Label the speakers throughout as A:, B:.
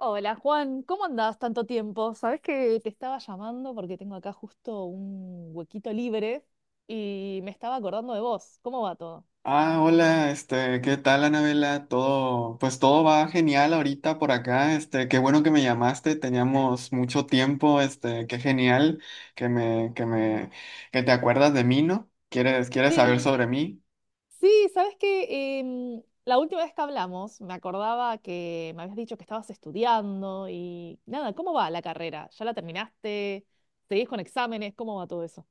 A: Hola Juan, ¿cómo andás tanto tiempo? Sabés que te estaba llamando porque tengo acá justo un huequito libre y me estaba acordando de vos. ¿Cómo va todo?
B: Ah, hola, ¿qué tal, Anabela? Pues todo va genial ahorita por acá. Qué bueno que me llamaste, teníamos mucho tiempo, qué genial que me, que me, que te acuerdas de mí, ¿no? ¿Quieres saber
A: Sí,
B: sobre mí?
A: sí, sabés que la última vez que hablamos me acordaba que me habías dicho que estabas estudiando y nada, ¿cómo va la carrera? ¿Ya la terminaste? ¿Seguís con exámenes? ¿Cómo va todo eso?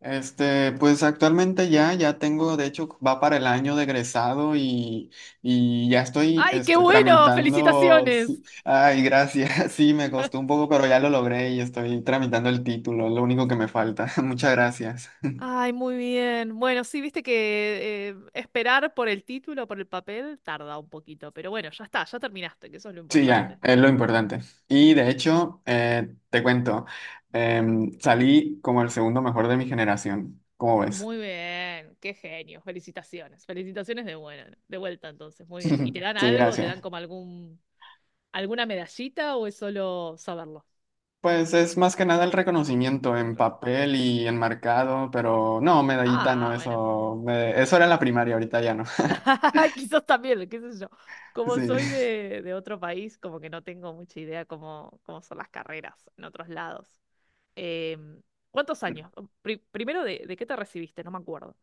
B: Pues actualmente ya, ya tengo. De hecho, va para el año de egresado, y ya estoy,
A: ¡Ay, qué bueno!
B: tramitando. Sí,
A: ¡Felicitaciones!
B: ay, gracias. Sí, me costó un poco, pero ya lo logré y estoy tramitando el título, lo único que me falta. Muchas gracias.
A: Ay, muy bien. Bueno, sí, viste que esperar por el título, por el papel, tarda un poquito, pero bueno, ya está, ya terminaste, que eso es lo
B: Sí, ya,
A: importante.
B: es lo importante. Y de hecho, te cuento, salí como el segundo mejor de mi generación. ¿Cómo ves?
A: Muy bien, qué genio. Felicitaciones, felicitaciones de buena, de vuelta entonces, muy bien. ¿Y te dan
B: Sí,
A: algo? ¿Te dan
B: gracias.
A: como algún alguna medallita o es solo saberlo?
B: Pues es más que nada el reconocimiento
A: El
B: en
A: re-
B: papel y enmarcado, pero no, medallita no,
A: Ah, bueno.
B: eso, eso era en la primaria, ahorita ya no.
A: Quizás también, qué sé yo. Como
B: Sí.
A: soy de otro país, como que no tengo mucha idea cómo, cómo son las carreras en otros lados. Eh, ¿Cuántos años? Primero, ¿de qué te recibiste? No me acuerdo.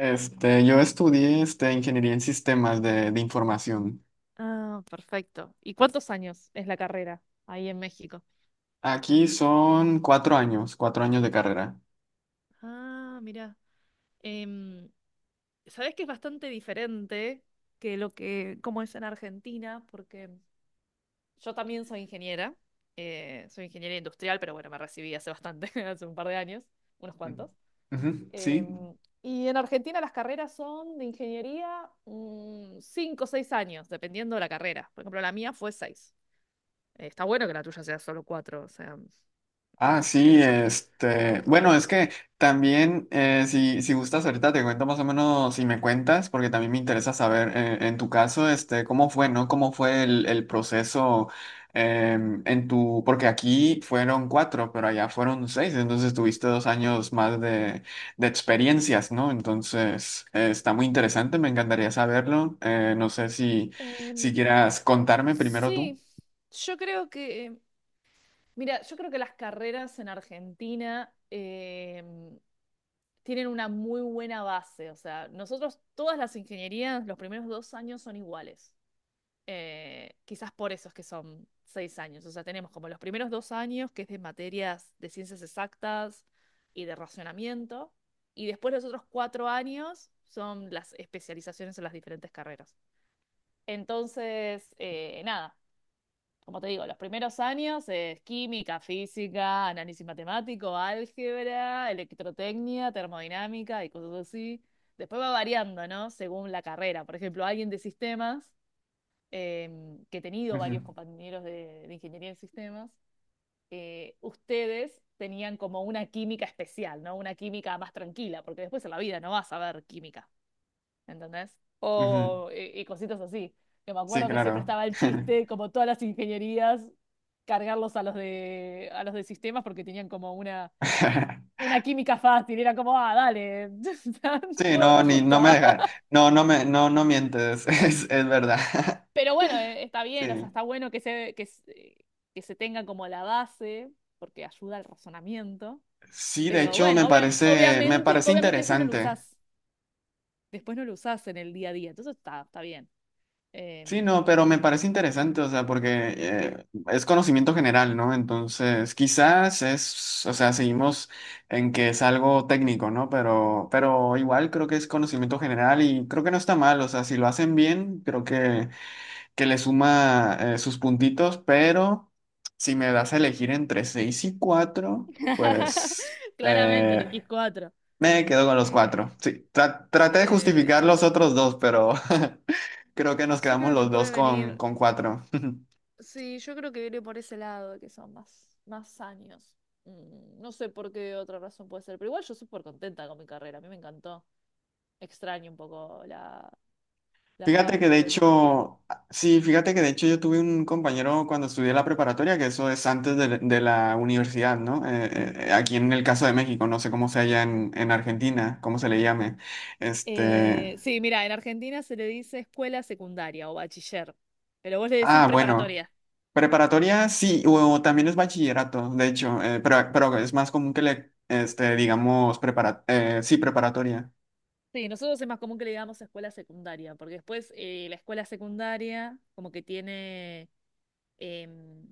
B: Yo estudié, ingeniería en sistemas de información.
A: Ah, perfecto. ¿Y cuántos años es la carrera ahí en México?
B: Aquí son cuatro años de carrera.
A: Ah, mira. Em, sabés que es bastante diferente que lo que, como es en Argentina, porque yo también soy ingeniera industrial, pero bueno, me recibí hace bastante, hace un par de años, unos cuantos.
B: Ujú. Sí.
A: Y en Argentina las carreras son de ingeniería cinco o seis años, dependiendo de la carrera. Por ejemplo, la mía fue seis. Está bueno que la tuya sea solo cuatro, o sea,
B: Ah,
A: qué
B: sí,
A: sé yo, está
B: bueno,
A: bueno.
B: es que también, si gustas ahorita te cuento más o menos si me cuentas, porque también me interesa saber, en tu caso, cómo fue, ¿no? ¿Cómo fue el proceso, porque aquí fueron cuatro, pero allá fueron seis, entonces tuviste dos años más de experiencias, ¿no? Entonces, está muy interesante, me encantaría saberlo. No sé si,
A: Em,
B: si quieras contarme primero tú.
A: sí, yo creo que, mira, yo creo que las carreras en Argentina tienen una muy buena base. O sea, nosotros todas las ingenierías, los primeros dos años son iguales. Quizás por eso es que son seis años. O sea, tenemos como los primeros dos años, que es de materias de ciencias exactas y de racionamiento, y después los otros cuatro años son las especializaciones en las diferentes carreras. Entonces, nada, como te digo, los primeros años es química, física, análisis matemático, álgebra, electrotecnia, termodinámica y cosas así. Después va variando, ¿no? Según la carrera. Por ejemplo, alguien de sistemas que he tenido
B: Ujú,
A: varios compañeros de ingeniería en sistemas, ustedes tenían como una química especial, ¿no? Una química más tranquila, porque después en la vida no vas a ver química, ¿entendés?
B: ujú.
A: O, y cositas así. Que me
B: Sí,
A: acuerdo que siempre
B: claro.
A: estaba el chiste, como todas las ingenierías, cargarlos a a los de sistemas porque tenían como una química fácil. Era como, ah, dale,
B: Sí,
A: no,
B: no,
A: no
B: ni, no me
A: justa.
B: dejan. No, no mientes, es verdad.
A: Pero bueno, está bien, o sea,
B: Sí.
A: está bueno que se, que se tenga como la base, porque ayuda al razonamiento.
B: Sí, de
A: Pero
B: hecho me
A: bueno,
B: parece, me
A: obviamente,
B: parece
A: obviamente después no lo
B: interesante.
A: usás, después no lo usás en el día a día, entonces está, está bien.
B: Sí,
A: Em,
B: no, pero me parece interesante, o sea, porque, es conocimiento general, ¿no? Entonces, quizás es, o sea, seguimos en que es algo técnico, ¿no? Pero igual creo que es conocimiento general y creo que no está mal, o sea, si lo hacen bien, creo que le suma, sus puntitos, pero si me das a elegir entre 6 y 4, pues,
A: claramente elegís cuatro.
B: me quedo con los 4.
A: Eh,
B: Sí, traté de justificar
A: eh,
B: los otros dos, pero creo que nos
A: yo
B: quedamos
A: creo que
B: los dos
A: puede
B: con,
A: venir.
B: con 4.
A: Sí, yo creo que viene por ese lado, que son más, más años. No sé por qué otra razón puede ser, pero igual yo súper contenta con mi carrera, a mí me encantó. Extraño un poco la, la
B: Fíjate que
A: facu,
B: de
A: la universidad.
B: hecho, yo tuve un compañero cuando estudié la preparatoria, que eso es antes de la universidad, ¿no?
A: Ujú.
B: Aquí en el caso de México, no sé cómo sea allá en Argentina, cómo se le llame. Este,
A: Sí, mira, en Argentina se le dice escuela secundaria o bachiller, pero vos le decís
B: Ah, bueno,
A: preparatoria.
B: preparatoria sí, o también es bachillerato, de hecho, pero es más común que le, digamos, sí, preparatoria.
A: Sí, nosotros es más común que le digamos escuela secundaria, porque después la escuela secundaria como que tiene em,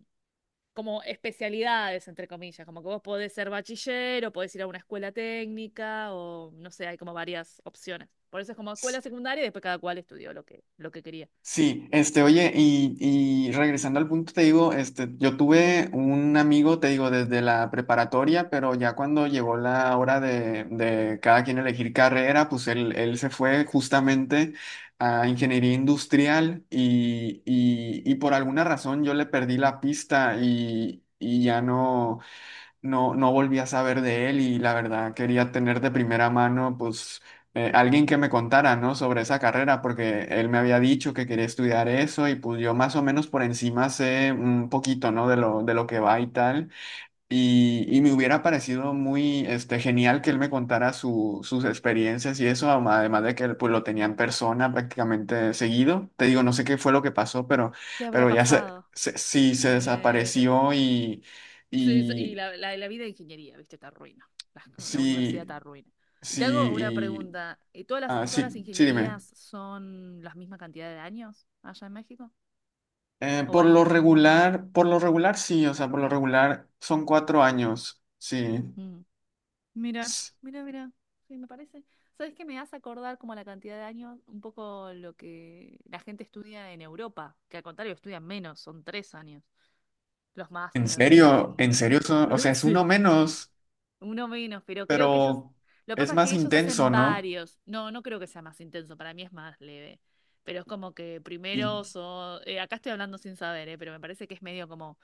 A: como especialidades, entre comillas, como que vos podés ser bachiller o podés ir a una escuela técnica o no sé, hay como varias opciones. Por eso es como escuela secundaria y después cada cual estudió lo que quería.
B: Sí, oye, y regresando al punto, te digo, yo tuve un amigo, te digo, desde la preparatoria, pero ya cuando llegó la hora de cada quien elegir carrera, pues él se fue justamente a ingeniería industrial y, y por alguna razón yo le perdí la pista y, y ya no volví a saber de él, y la verdad quería tener de primera mano, pues, alguien que me contara, ¿no? Sobre esa carrera, porque él me había dicho que quería estudiar eso y pues yo más o menos por encima sé un poquito, ¿no? De lo que va y tal. Y me hubiera parecido muy, genial que él me contara sus experiencias y eso, además de que él, pues, lo tenía en persona prácticamente seguido. Te digo, no sé qué fue lo que pasó, pero,
A: ¿Qué habrá
B: pero ya se,
A: pasado?
B: se- sí, se
A: Eh,
B: desapareció y...
A: sí, sí, y
B: Y,
A: la vida de ingeniería, ¿viste? Está arruina. La, la universidad
B: sí,
A: está arruina. Y
B: sí,
A: te hago una pregunta.
B: ah,
A: Todas las
B: sí, sí, dime.
A: ingenierías son la misma cantidad de años allá en México? ¿O
B: Por lo
A: varían?
B: regular, por lo regular sí, o sea, por lo regular son cuatro años, sí.
A: Mm. Mira,
B: S-
A: mira, mira. Sí, me parece. ¿Sabes qué me hace acordar como la cantidad de años? Un poco lo que la gente estudia en Europa, que al contrario estudian menos, son tres años. Los másters y...
B: En serio, o sea, es uno
A: Sí,
B: menos,
A: uno menos, pero creo que ellos,
B: pero
A: lo que
B: es
A: pasa es
B: más
A: que ellos
B: intenso,
A: hacen
B: ¿no?
A: varios, no, no creo que sea más intenso, para mí es más leve, pero es como que primero,
B: Y,
A: acá estoy hablando sin saber, pero me parece que es medio como,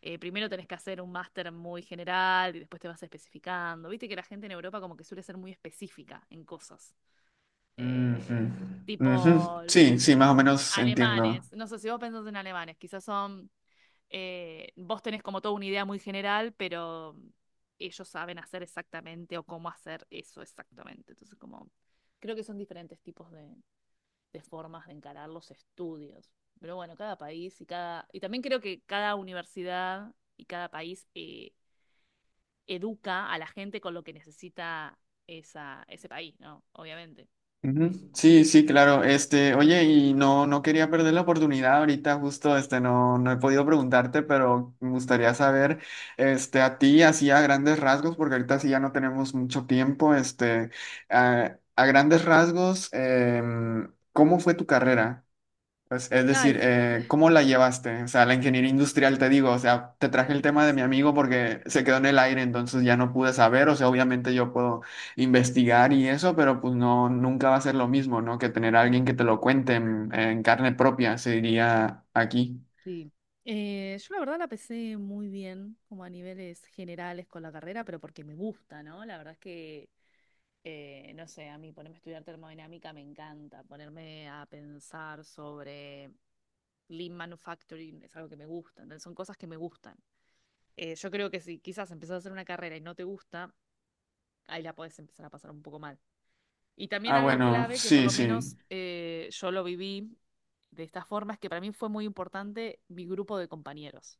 A: primero tenés que hacer un máster muy general y después te vas especificando, viste que la gente en Europa como que suele ser muy específica en cosas,
B: ujú,
A: eh,
B: ujú.
A: tipo
B: Sí, sí, más o menos entiendo.
A: alemanes, no sé si vos pensás en alemanes, quizás son vos tenés como toda una idea muy general, pero ellos saben hacer exactamente o cómo hacer eso exactamente. Entonces, como creo que son diferentes tipos de formas de encarar los estudios. Pero bueno, cada país y cada. Y también creo que cada universidad y cada país educa a la gente con lo que necesita esa, ese país, ¿no? Obviamente.
B: Ujú.
A: Em,
B: Sí, sí, claro. Oye, y no quería perder la oportunidad ahorita, justo, no he podido preguntarte, pero me gustaría saber, a ti, así a grandes rasgos, porque ahorita sí ya no tenemos mucho tiempo, a grandes rasgos, ¿cómo fue tu carrera? Pues, es
A: Ay,
B: decir, ¿cómo la llevaste? O sea, la ingeniería industrial, te digo, o sea, te traje el tema de mi
A: sí.
B: amigo porque se quedó en el aire, entonces ya no pude saber. O sea, obviamente yo puedo investigar y eso, pero pues no, nunca va a ser lo mismo, ¿no? Que tener a alguien que te lo cuente en carne propia, se diría aquí.
A: Sí. Yo la verdad la pesé muy bien, como a niveles generales con la carrera, pero porque me gusta, ¿no? La verdad es que, no sé, a mí ponerme a estudiar termodinámica me encanta, ponerme a pensar sobre lean manufacturing es algo que me gusta, entonces son cosas que me gustan. Yo creo que si quizás empezás a hacer una carrera y no te gusta, ahí la podés empezar a pasar un poco mal. Y también
B: Ah,
A: algo
B: bueno,
A: clave que por
B: sí,
A: lo
B: sí.
A: menos yo lo viví de esta forma es que para mí fue muy importante mi grupo de compañeros.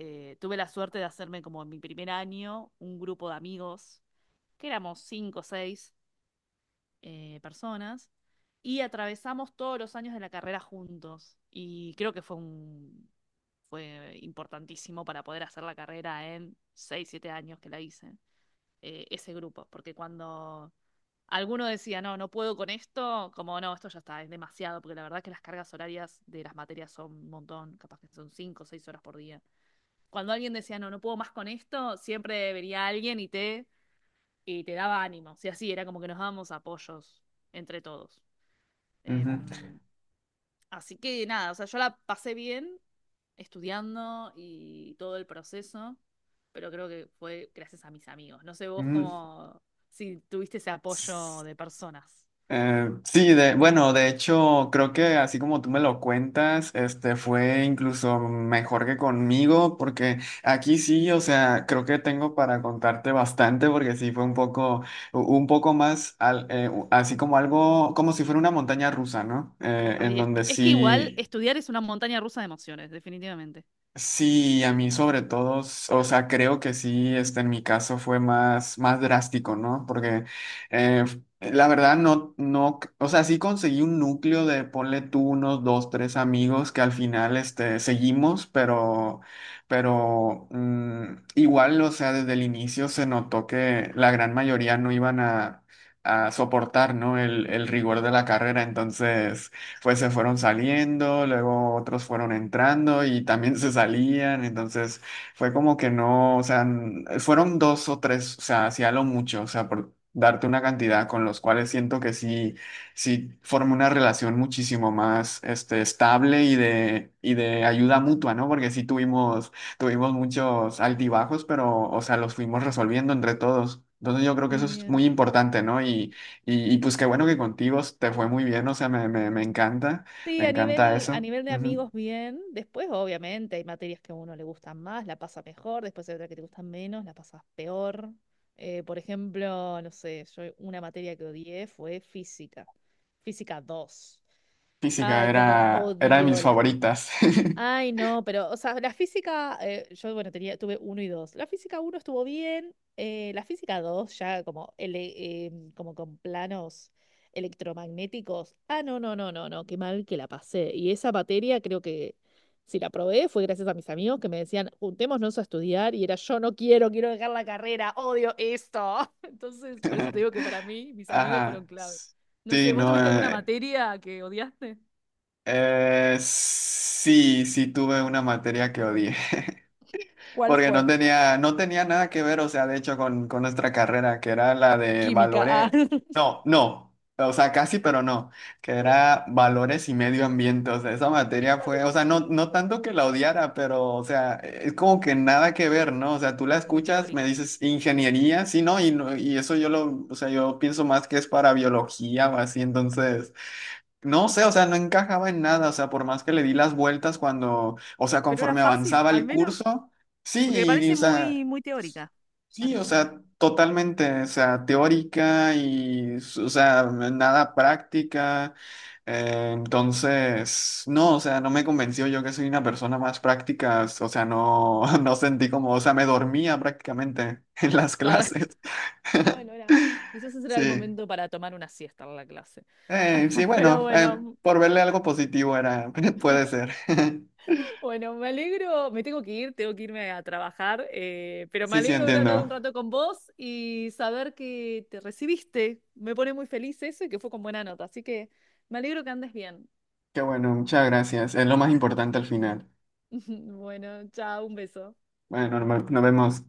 A: Tuve la suerte de hacerme como en mi primer año un grupo de amigos, que éramos cinco o seis personas, y atravesamos todos los años de la carrera juntos. Y creo que fue un, fue importantísimo para poder hacer la carrera en seis, siete años que la hice, ese grupo, porque cuando... Alguno decía, no, no puedo con esto, como no, esto ya está, es demasiado, porque la verdad que las cargas horarias de las materias son un montón, capaz que son cinco o seis horas por día cuando alguien decía, no, no puedo más con esto, siempre venía alguien y te daba ánimo. O sea, sí, era como que nos dábamos apoyos entre todos.
B: Ujú.
A: Em, así que nada, o sea, yo la pasé bien estudiando y todo el proceso, pero creo que fue gracias a mis amigos. No sé vos cómo, si tuviste ese apoyo
B: Ujú.
A: de personas.
B: Sí, bueno, de hecho, creo que así como tú me lo cuentas, este fue incluso mejor que conmigo, porque aquí sí, o sea, creo que tengo para contarte bastante, porque sí fue un poco, un poco más, así como algo, como si fuera una montaña rusa, ¿no? En
A: Ay, es,
B: donde
A: es que igual
B: sí.
A: estudiar es una montaña rusa de emociones, definitivamente.
B: Sí, a mí sobre todo, o sea, creo que sí, en mi caso fue más, más drástico, ¿no? Porque, la verdad no, o sea, sí conseguí un núcleo ponle tú unos dos, tres amigos que al final, seguimos, pero, pero igual, o sea, desde el inicio se notó que la gran mayoría no iban a soportar, ¿no? El rigor de la carrera, entonces pues se fueron saliendo, luego otros fueron entrando y también se salían, entonces fue como que no, o sea, fueron dos o tres, o sea, hacía lo mucho, o sea, por darte una cantidad con los cuales siento que sí, sí formé una relación muchísimo más, estable y de ayuda mutua, ¿no? Porque sí tuvimos muchos altibajos, pero, o sea, los fuimos resolviendo entre todos. Entonces yo creo que
A: Muy
B: eso es
A: bien.
B: muy importante, ¿no? Y pues qué bueno que contigo te fue muy bien, o sea, me encanta,
A: Sí,
B: me encanta
A: a
B: eso.
A: nivel de
B: Ujú.
A: amigos bien. Después, obviamente, hay materias que a uno le gustan más, la pasa mejor, después hay otras que te gustan menos, la pasas peor. Por ejemplo, no sé, yo una materia que odié fue física, física 2.
B: Física
A: Ay,
B: era,
A: cómo
B: era de
A: odio
B: mis
A: las.
B: favoritas.
A: Ay, no, pero, o sea, la física, yo, bueno, tenía, tuve uno y dos. La física uno estuvo bien, la física dos ya como, como con planos electromagnéticos. Ah, no, no, no, no, no, qué mal que la pasé. Y esa materia creo que si la probé fue gracias a mis amigos que me decían, juntémonos a estudiar, y era yo no quiero, quiero dejar la carrera, odio esto. Entonces, por eso te digo que para mí, mis amigos fueron
B: Ajá.
A: clave. No
B: Sí,
A: sé, ¿vos
B: no,
A: tuviste alguna materia que odiaste?
B: sí, sí tuve una materia que odié.
A: ¿Cuál
B: Porque no
A: fue?
B: tenía, no tenía nada que ver, o sea, de hecho, con nuestra carrera, que era la de
A: Química. Ah.
B: valores, no, no, o sea, casi, pero no, que era valores y medio ambiente. O sea, esa materia fue, o sea, no tanto que la odiara, pero, o sea, es como que
A: mm,
B: nada que ver, ¿no? O sea, tú la
A: muy
B: escuchas, me
A: teórica.
B: dices ingeniería, sí, ¿no? Y, y eso yo lo, o sea, yo pienso más que es para biología o así, entonces... No sé, o sea, no encajaba en nada, o sea, por más que le di las vueltas cuando, o sea,
A: Pero era
B: conforme
A: fácil,
B: avanzaba
A: al
B: el
A: menos.
B: curso,
A: Porque me
B: sí, o
A: parece
B: sea,
A: muy, muy teórica.
B: sí, o
A: Parece.
B: sea, totalmente, o sea, teórica y, o sea, nada práctica. Entonces, no, o sea, no me convenció, yo que soy una persona más práctica, o sea, no, no sentí como, o sea, me dormía prácticamente en las
A: Ah,
B: clases.
A: bueno, era, quizás ese era el
B: Sí.
A: momento para tomar una siesta en la clase.
B: Sí,
A: Pero
B: bueno,
A: bueno,
B: por verle algo positivo era, puede ser.
A: bueno, me alegro, me tengo que ir, tengo que irme a trabajar, pero me
B: Sí, sí,
A: alegro de haber hablado un
B: entiendo.
A: rato con vos y saber que te recibiste. Me pone muy feliz eso y que fue con buena nota, así que me alegro que andes bien.
B: Qué bueno, muchas gracias. Es lo más importante al final.
A: Bueno, chao, un beso.
B: Bueno, nos vemos.